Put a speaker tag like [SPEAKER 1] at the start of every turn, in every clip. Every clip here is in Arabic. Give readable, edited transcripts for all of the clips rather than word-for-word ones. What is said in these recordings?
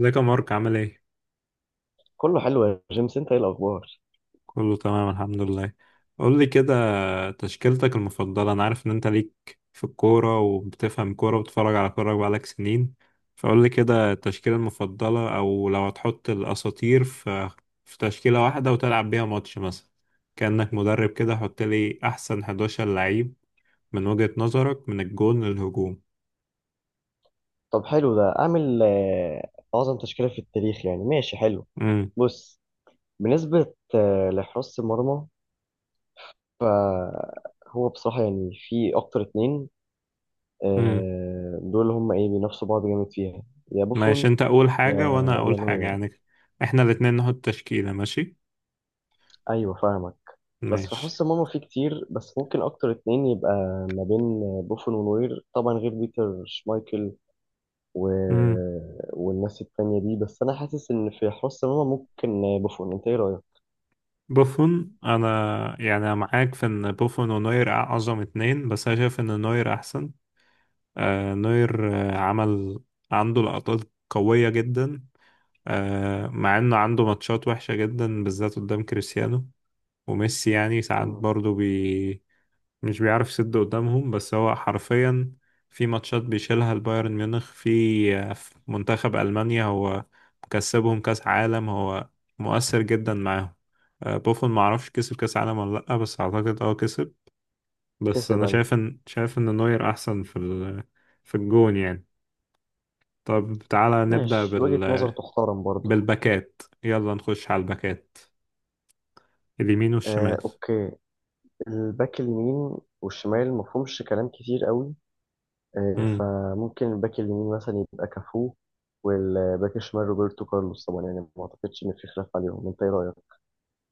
[SPEAKER 1] ازيك يا مارك؟ عامل ايه؟
[SPEAKER 2] كله حلو يا جيمس، انت ايه الاخبار؟
[SPEAKER 1] كله تمام، الحمد لله. قول لي كده، تشكيلتك المفضلة. انا عارف ان انت ليك في الكورة وبتفهم كورة وبتتفرج على كورة بقالك سنين. فقول لي كده التشكيلة المفضلة، او لو هتحط الاساطير في تشكيلة واحدة وتلعب بيها ماتش مثلا، كأنك مدرب كده. حط لي احسن 11 لعيب من وجهة نظرك، من الجون للهجوم.
[SPEAKER 2] طب حلو، ده اعمل اعظم تشكيله في التاريخ، يعني ماشي حلو.
[SPEAKER 1] امم.
[SPEAKER 2] بص، بالنسبه لحراسه المرمى، فهو بصراحه يعني في اكتر اتنين.
[SPEAKER 1] امم.
[SPEAKER 2] دول هم ايه، بينافسوا بعض جامد فيها. يا
[SPEAKER 1] ماشي،
[SPEAKER 2] بوفون،
[SPEAKER 1] انت اول
[SPEAKER 2] يا
[SPEAKER 1] حاجة وانا
[SPEAKER 2] يا
[SPEAKER 1] اقول حاجة
[SPEAKER 2] نوير.
[SPEAKER 1] يعني. احنا الاتنين نحط تشكيلة. ماشي.
[SPEAKER 2] ايوه، فاهمك. بس في
[SPEAKER 1] ماشي.
[SPEAKER 2] حس ماما في كتير، بس ممكن اكتر اتنين يبقى ما بين بوفون ونوير، طبعا غير بيتر شمايكل و...
[SPEAKER 1] مم.
[SPEAKER 2] والناس التانية دي. بس انا حاسس ان في حس ماما ممكن بوفون، انت ايه رايك؟
[SPEAKER 1] بوفون، انا يعني أنا معاك في ان بوفون ونوير اعظم اتنين، بس انا شايف ان نوير احسن. نوير عمل، عنده لقطات قوية جدا. مع انه عنده ماتشات وحشة جدا بالذات قدام كريستيانو وميسي، يعني ساعات
[SPEAKER 2] مم.
[SPEAKER 1] برضه مش بيعرف يسد قدامهم. بس هو حرفيا في ماتشات بيشيلها البايرن ميونخ، في منتخب ألمانيا، هو مكسبهم كأس عالم، هو مؤثر جدا معاهم. بوفون معرفش كسب كأس عالم ولا لأ، بس أعتقد اه كسب. بس
[SPEAKER 2] كسب،
[SPEAKER 1] أنا
[SPEAKER 2] ايوه.
[SPEAKER 1] شايف إن نوير أحسن في ال... في الجون يعني. طب تعالى نبدأ
[SPEAKER 2] ماشي، وجهة نظر
[SPEAKER 1] بال...
[SPEAKER 2] تحترم برضه.
[SPEAKER 1] بالباكات، يلا نخش على الباكات، اليمين
[SPEAKER 2] آه،
[SPEAKER 1] والشمال.
[SPEAKER 2] اوكي. الباك اليمين والشمال مفهومش كلام كتير قوي. آه،
[SPEAKER 1] امم.
[SPEAKER 2] فممكن الباك اليمين مثلا يبقى كافو، والباك الشمال روبرتو كارلوس طبعا، يعني ما اعتقدش ان في خلاف عليهم، انت ايه رايك؟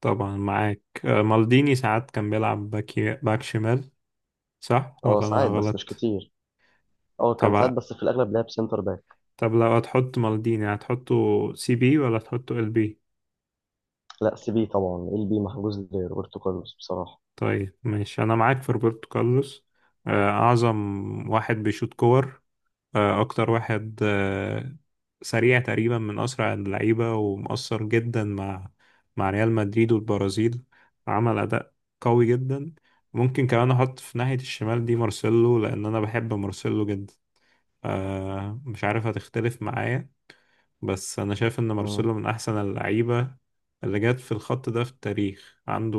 [SPEAKER 1] طبعا معاك. مالديني ساعات كان بيلعب باك شمال، صح
[SPEAKER 2] اه
[SPEAKER 1] ولا انا
[SPEAKER 2] ساعات، بس مش
[SPEAKER 1] غلط؟
[SPEAKER 2] كتير. اه كان ساعات،
[SPEAKER 1] طب
[SPEAKER 2] بس في الاغلب لعب سنتر باك.
[SPEAKER 1] طب لو هتحط مالديني هتحطه سي بي ولا هتحطه ال بي؟
[SPEAKER 2] لا سي بي طبعا، ال بي محجوز لروبرتو كارلوس بصراحه.
[SPEAKER 1] طيب ماشي، انا معاك في روبرتو كارلوس. اعظم واحد بيشوط كور، اكتر واحد، سريع تقريبا، من اسرع اللعيبه ومؤثر جدا مع ريال مدريد والبرازيل. عمل اداء قوي جدا. ممكن كمان احط في ناحيه الشمال دي مارسيلو، لان انا بحب مارسيلو جدا. مش عارف هتختلف معايا، بس أنا شايف إن
[SPEAKER 2] مم.
[SPEAKER 1] مارسيلو من أحسن اللعيبة اللي جت في الخط ده في التاريخ. عنده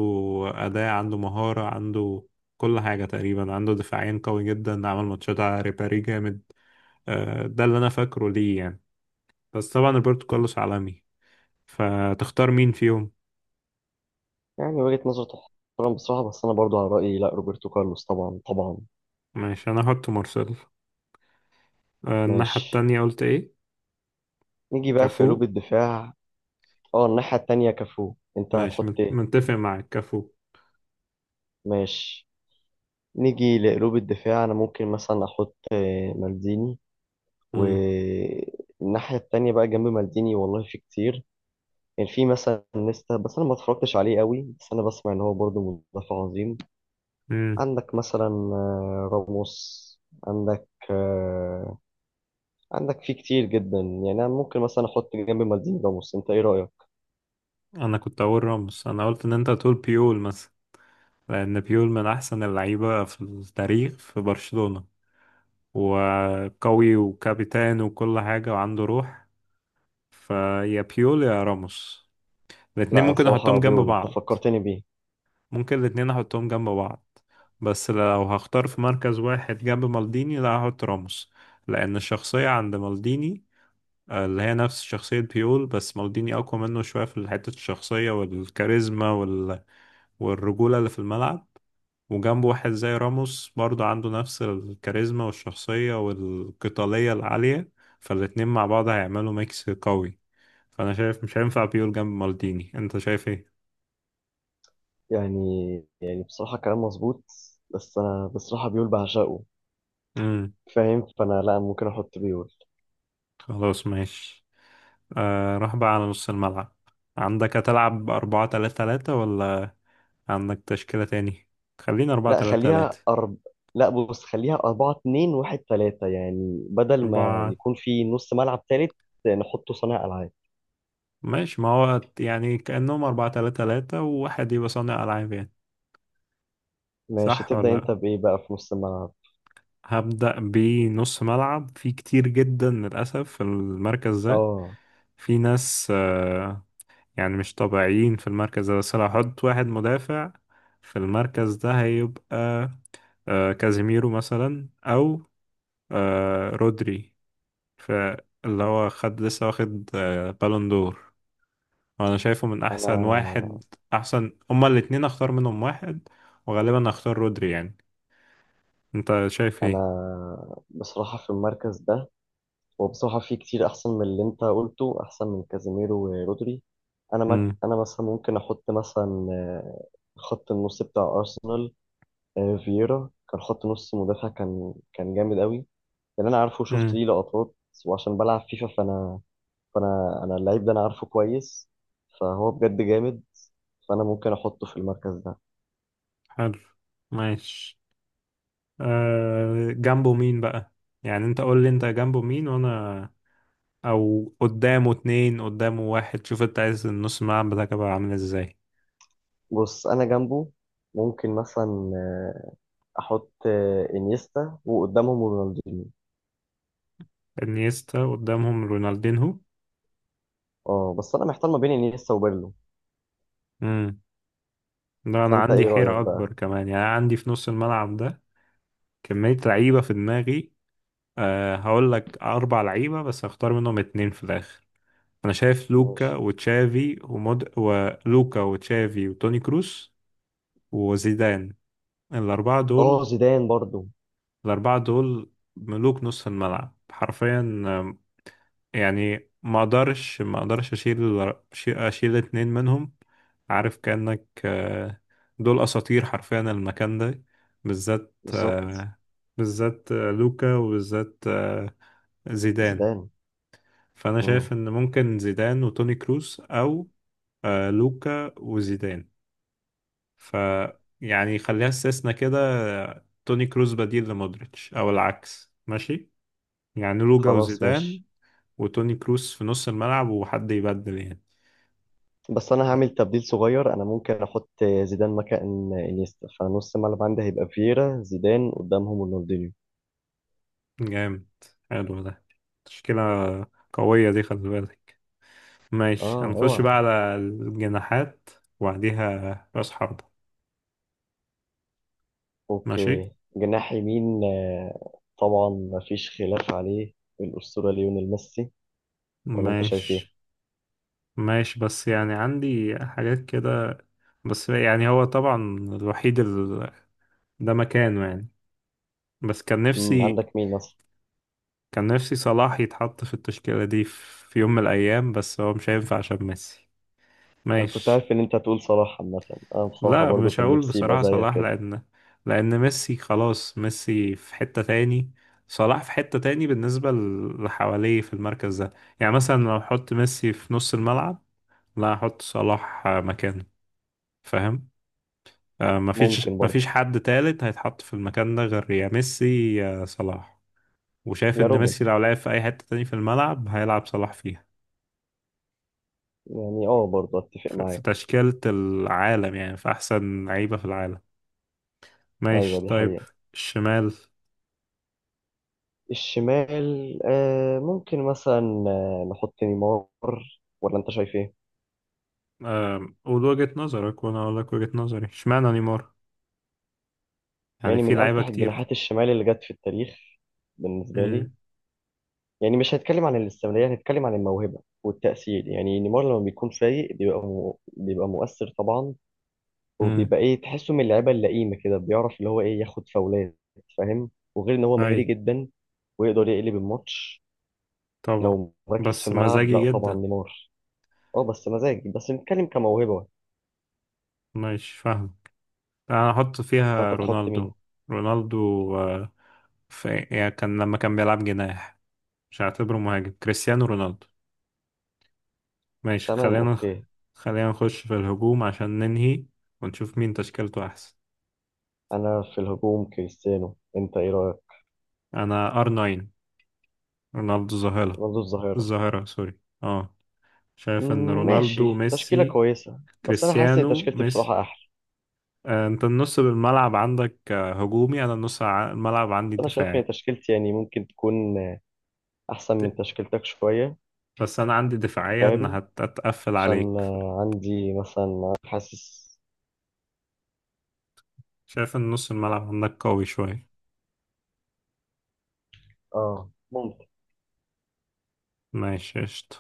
[SPEAKER 1] أداء، عنده مهارة، عنده كل حاجة تقريبا. عنده دفاعين قوي جدا، عمل ماتشات على ريبيري جامد. ده اللي أنا فاكره ليه يعني. بس طبعا روبرتو كارلوس عالمي، فتختار مين فيهم؟
[SPEAKER 2] يعني وجهه نظر تحترم بصراحه، بس انا برضو على رايي، لا روبرتو كارلوس طبعا طبعا.
[SPEAKER 1] ماشي، أنا هحط مارسيلو. الناحية
[SPEAKER 2] ماشي،
[SPEAKER 1] التانية قلت إيه؟
[SPEAKER 2] نيجي بقى في
[SPEAKER 1] كافو.
[SPEAKER 2] قلوب الدفاع. اه، الناحيه التانيه كافو، انت
[SPEAKER 1] ماشي،
[SPEAKER 2] هتحط
[SPEAKER 1] مت-
[SPEAKER 2] ايه؟
[SPEAKER 1] متفق معاك، كافو.
[SPEAKER 2] ماشي، نيجي لقلوب الدفاع. انا ممكن مثلا احط مالديني،
[SPEAKER 1] مم.
[SPEAKER 2] والناحيه التانيه بقى جنب مالديني والله في كتير. كان يعني في مثلا نيستا، بس انا ما اتفرجتش عليه قوي، بس انا بسمع ان هو برضه مدافع عظيم.
[SPEAKER 1] مم.
[SPEAKER 2] عندك مثلا راموس، عندك آه، عندك في كتير جدا. يعني أنا ممكن مثلا أحط جنب مالديني راموس، أنت إيه رأيك؟
[SPEAKER 1] أنا كنت أقول راموس، أنا قلت إن أنت هتقول بيول، لأن بيول من أحسن اللعيبة في التاريخ في برشلونة، وقوي وكابتن وكل حاجة وعنده روح. فيا بيول يا راموس، الاتنين
[SPEAKER 2] لا
[SPEAKER 1] ممكن
[SPEAKER 2] صراحة
[SPEAKER 1] أحطهم جنب
[SPEAKER 2] بيول، أنت
[SPEAKER 1] بعض.
[SPEAKER 2] فكرتني بيه.
[SPEAKER 1] ممكن الاتنين أحطهم جنب بعض، بس لو هختار في مركز واحد جنب مالديني لا هحط راموس، لأن الشخصية عند مالديني، اللي هي نفس شخصية بيول، بس مالديني أقوى منه شوية في حتة الشخصية والكاريزما وال... والرجولة اللي في الملعب. وجنبه واحد زي راموس برضه عنده نفس الكاريزما والشخصية والقتالية العالية، فالاتنين مع بعض هيعملوا ميكس قوي. فأنا شايف مش هينفع بيول جنب مالديني، أنت شايف إيه؟
[SPEAKER 2] يعني يعني بصراحة كلام مظبوط، بس أنا بصراحة بيول بعشقه،
[SPEAKER 1] امم.
[SPEAKER 2] فاهم؟ فأنا لا، ممكن أحط بيول.
[SPEAKER 1] خلاص ماشي. راح بقى على نص الملعب. عندك هتلعب أربعة تلاتة تلاتة ولا عندك تشكيلة تاني؟ خلينا أربعة
[SPEAKER 2] لا
[SPEAKER 1] تلاتة تلاتة.
[SPEAKER 2] خليها أرب لا، بص، خليها أربعة اتنين واحد تلاتة، يعني بدل ما
[SPEAKER 1] أربعة.
[SPEAKER 2] يكون في نص ملعب تالت نحطه صانع ألعاب.
[SPEAKER 1] ماشي، ما هو يعني كأنهم أربعة تلاتة تلاتة وواحد يبقى صانع ألعاب يعني،
[SPEAKER 2] ماشي،
[SPEAKER 1] صح ولا
[SPEAKER 2] تبدأ أنت
[SPEAKER 1] لأ؟
[SPEAKER 2] بإيه بقى في نص الملعب؟
[SPEAKER 1] هبدأ بنص ملعب. في كتير جدا للأسف في المركز ده،
[SPEAKER 2] اه.
[SPEAKER 1] في ناس يعني مش طبيعيين في المركز ده. بس لو هحط واحد مدافع في المركز ده هيبقى كازيميرو مثلا، أو رودري، فاللي هو خد لسه واخد بالون دور، وأنا شايفه من أحسن
[SPEAKER 2] انا
[SPEAKER 1] واحد. أحسن هما الاتنين، أختار منهم واحد، وغالبا أختار رودري يعني. أنت شايف
[SPEAKER 2] انا
[SPEAKER 1] إيه؟
[SPEAKER 2] بصراحه في المركز ده، وبصراحه في كتير احسن من اللي انت قلته، احسن من كازيميرو ورودري.
[SPEAKER 1] مم.
[SPEAKER 2] انا مثلا ممكن احط مثلا، خط النص بتاع ارسنال. فييرا كان خط نص مدافع، كان جامد قوي، لان انا عارفه وشفت
[SPEAKER 1] مم.
[SPEAKER 2] ليه لقطات، وعشان بلعب فيفا فانا اللعيب ده انا عارفه كويس، فهو بجد جامد. فانا ممكن احطه في المركز ده.
[SPEAKER 1] حلو، ماشي. جنبه مين بقى؟ يعني انت قول لي انت جنبه مين، وانا، او قدامه اتنين، قدامه واحد، شوف انت عايز النص الملعب بتاعك يبقى عامل ازاي.
[SPEAKER 2] بص، انا جنبه ممكن مثلا احط انيستا، وقدامهم رونالدينيو.
[SPEAKER 1] انيستا قدامهم رونالدينهو.
[SPEAKER 2] اه، بس انا محتار ما بين انيستا وبيرلو،
[SPEAKER 1] امم. ده انا
[SPEAKER 2] فانت
[SPEAKER 1] عندي
[SPEAKER 2] ايه رايك
[SPEAKER 1] حيرة
[SPEAKER 2] بقى؟
[SPEAKER 1] اكبر كمان. يعني أنا عندي في نص الملعب ده كمية لعيبة في دماغي. أه، هقول لك اربع لعيبة بس هختار منهم اتنين في الاخر. انا شايف لوكا
[SPEAKER 2] ماشي.
[SPEAKER 1] وتشافي ومود، ولوكا وتشافي وتوني كروس وزيدان، الاربعة دول.
[SPEAKER 2] اه زيدان برضو،
[SPEAKER 1] الأربعة دول ملوك نصف الملعب حرفيا. يعني ما أقدرش أشيل اتنين منهم، عارف؟ كأنك دول أساطير حرفيا المكان ده، بالذات
[SPEAKER 2] بالظبط
[SPEAKER 1] لوكا، وبالذات زيدان.
[SPEAKER 2] زيدان.
[SPEAKER 1] فأنا
[SPEAKER 2] مم.
[SPEAKER 1] شايف إن ممكن زيدان وتوني كروس، أو لوكا وزيدان. ف يعني خليها استثناء كده، توني كروس بديل لمودريتش أو العكس، ماشي يعني. لوكا
[SPEAKER 2] خلاص
[SPEAKER 1] وزيدان
[SPEAKER 2] ماشي،
[SPEAKER 1] وتوني كروس في نص الملعب، وحد يبدل يعني.
[SPEAKER 2] بس انا
[SPEAKER 1] لا.
[SPEAKER 2] هعمل تبديل صغير. انا ممكن احط زيدان مكان انيستا، فنص الملعب عندي هيبقى فييرا زيدان، قدامهم رونالدينيو.
[SPEAKER 1] جامد، حلو ده، تشكيلة قوية دي خلي بالك. ماشي،
[SPEAKER 2] اه،
[SPEAKER 1] هنخش
[SPEAKER 2] اوعى.
[SPEAKER 1] بقى على الجناحات وبعديها رأس حربة. ماشي.
[SPEAKER 2] اوكي، جناح يمين طبعا مفيش خلاف عليه، الاسطوره ليونيل ميسي، ولا انت شايف ايه؟
[SPEAKER 1] ماشي. ماشي، بس يعني عندي حاجات كده، بس يعني هو طبعا الوحيد ال... ده مكانه يعني، بس كان
[SPEAKER 2] مم،
[SPEAKER 1] نفسي،
[SPEAKER 2] عندك مين مثلا؟
[SPEAKER 1] صلاح يتحط في التشكيلة دي، في يوم من الأيام، بس هو مش هينفع عشان ميسي.
[SPEAKER 2] انا كنت
[SPEAKER 1] ماشي.
[SPEAKER 2] عارف ان انت هتقول صلاح. عامة انا بصراحة
[SPEAKER 1] لا،
[SPEAKER 2] برضو
[SPEAKER 1] مش
[SPEAKER 2] كان
[SPEAKER 1] هقول
[SPEAKER 2] نفسي يبقى
[SPEAKER 1] بصراحة
[SPEAKER 2] زيك
[SPEAKER 1] صلاح،
[SPEAKER 2] كده.
[SPEAKER 1] لأن، لأن ميسي خلاص. ميسي في حتة تاني، صلاح في حتة تاني بالنسبة اللي حواليه في المركز ده. يعني مثلا لو أحط ميسي في نص الملعب، لا أحط صلاح مكانه، فاهم؟ مفيش
[SPEAKER 2] ممكن برضو.
[SPEAKER 1] مفيش حد تالت هيتحط في المكان ده غير يا ميسي يا صلاح. وشايف
[SPEAKER 2] يا
[SPEAKER 1] إن
[SPEAKER 2] روبن،
[SPEAKER 1] ميسي لو لعب في أي حتة تاني في الملعب هيلعب صلاح فيها،
[SPEAKER 2] يعني اه برضو اتفق
[SPEAKER 1] في
[SPEAKER 2] معاك.
[SPEAKER 1] تشكيلة العالم يعني، في أحسن لعيبة في العالم.
[SPEAKER 2] ايوه
[SPEAKER 1] ماشي،
[SPEAKER 2] دي
[SPEAKER 1] طيب.
[SPEAKER 2] حقيقة.
[SPEAKER 1] الشمال.
[SPEAKER 2] الشمال آه، ممكن مثلا نحط نيمار، ولا انت شايف ايه؟
[SPEAKER 1] قول وجهة نظرك وانا اقول لك وجهة نظري، اشمعنى نيمار؟ يعني
[SPEAKER 2] يعني
[SPEAKER 1] في
[SPEAKER 2] من
[SPEAKER 1] لعيبة
[SPEAKER 2] امتح
[SPEAKER 1] كتير.
[SPEAKER 2] الجناحات الشمال اللي جت في التاريخ بالنسبة لي.
[SPEAKER 1] امم.
[SPEAKER 2] يعني مش هنتكلم عن الاستمرارية، هنتكلم عن الموهبة والتأثير. يعني نيمار لما بيكون فايق بيبقى مؤثر طبعا،
[SPEAKER 1] امم.
[SPEAKER 2] وبيبقى ايه، تحسه من اللعيبه اللئيمه كده، بيعرف اللي هو ايه، ياخد فاولات، فاهم؟ وغير ان هو
[SPEAKER 1] اي.
[SPEAKER 2] مهاري جدا ويقدر يقلب الماتش.
[SPEAKER 1] طبعا،
[SPEAKER 2] لو مركز في
[SPEAKER 1] بس
[SPEAKER 2] الملعب،
[SPEAKER 1] مزاجي
[SPEAKER 2] لا طبعا
[SPEAKER 1] جدا.
[SPEAKER 2] نيمار. اه بس مزاج، بس نتكلم كموهبه.
[SPEAKER 1] ماشي، فاهم. انا احط فيها
[SPEAKER 2] فانت تحط مين؟
[SPEAKER 1] رونالدو. رونالدو، آه، في يعني كان، لما كان بيلعب جناح مش هعتبره مهاجم، كريستيانو رونالدو. ماشي
[SPEAKER 2] تمام
[SPEAKER 1] خلينا،
[SPEAKER 2] اوكي.
[SPEAKER 1] خلينا نخش في الهجوم عشان ننهي ونشوف مين تشكيلته احسن.
[SPEAKER 2] انا في الهجوم كريستيانو، انت ايه رايك؟
[SPEAKER 1] انا ار 9، رونالدو ظاهرة.
[SPEAKER 2] رونالدو الظاهره.
[SPEAKER 1] الظاهرة، سوري، اه. شايف ان
[SPEAKER 2] مم،
[SPEAKER 1] رونالدو
[SPEAKER 2] ماشي، تشكيله
[SPEAKER 1] ميسي،
[SPEAKER 2] كويسه، بس انا حاسس ان
[SPEAKER 1] كريستيانو
[SPEAKER 2] تشكيلتي
[SPEAKER 1] ميسي.
[SPEAKER 2] بصراحه احلى.
[SPEAKER 1] انت النص بالملعب عندك هجومي، انا النص الملعب
[SPEAKER 2] بس
[SPEAKER 1] عندي
[SPEAKER 2] انا شايف ان
[SPEAKER 1] دفاعي.
[SPEAKER 2] تشكيلتي يعني ممكن تكون احسن من
[SPEAKER 1] ت-
[SPEAKER 2] تشكيلتك شويه.
[SPEAKER 1] بس انا عندي دفاعية ان
[SPEAKER 2] فاهم؟
[SPEAKER 1] هتقفل
[SPEAKER 2] عشان
[SPEAKER 1] عليك،
[SPEAKER 2] عندي مثلا حاسس.
[SPEAKER 1] شايف ان نص الملعب عندك قوي شوية.
[SPEAKER 2] اه ممكن.
[SPEAKER 1] ماشي قشطة،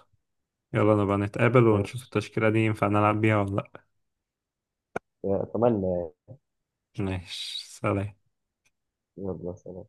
[SPEAKER 1] يلا نبقى نتقابل ونشوف
[SPEAKER 2] ماشي،
[SPEAKER 1] التشكيلة دي ينفع نلعب بيها ولا لأ.
[SPEAKER 2] اتمنى يعني.
[SPEAKER 1] ماشي، سلام.
[SPEAKER 2] يلا سلام.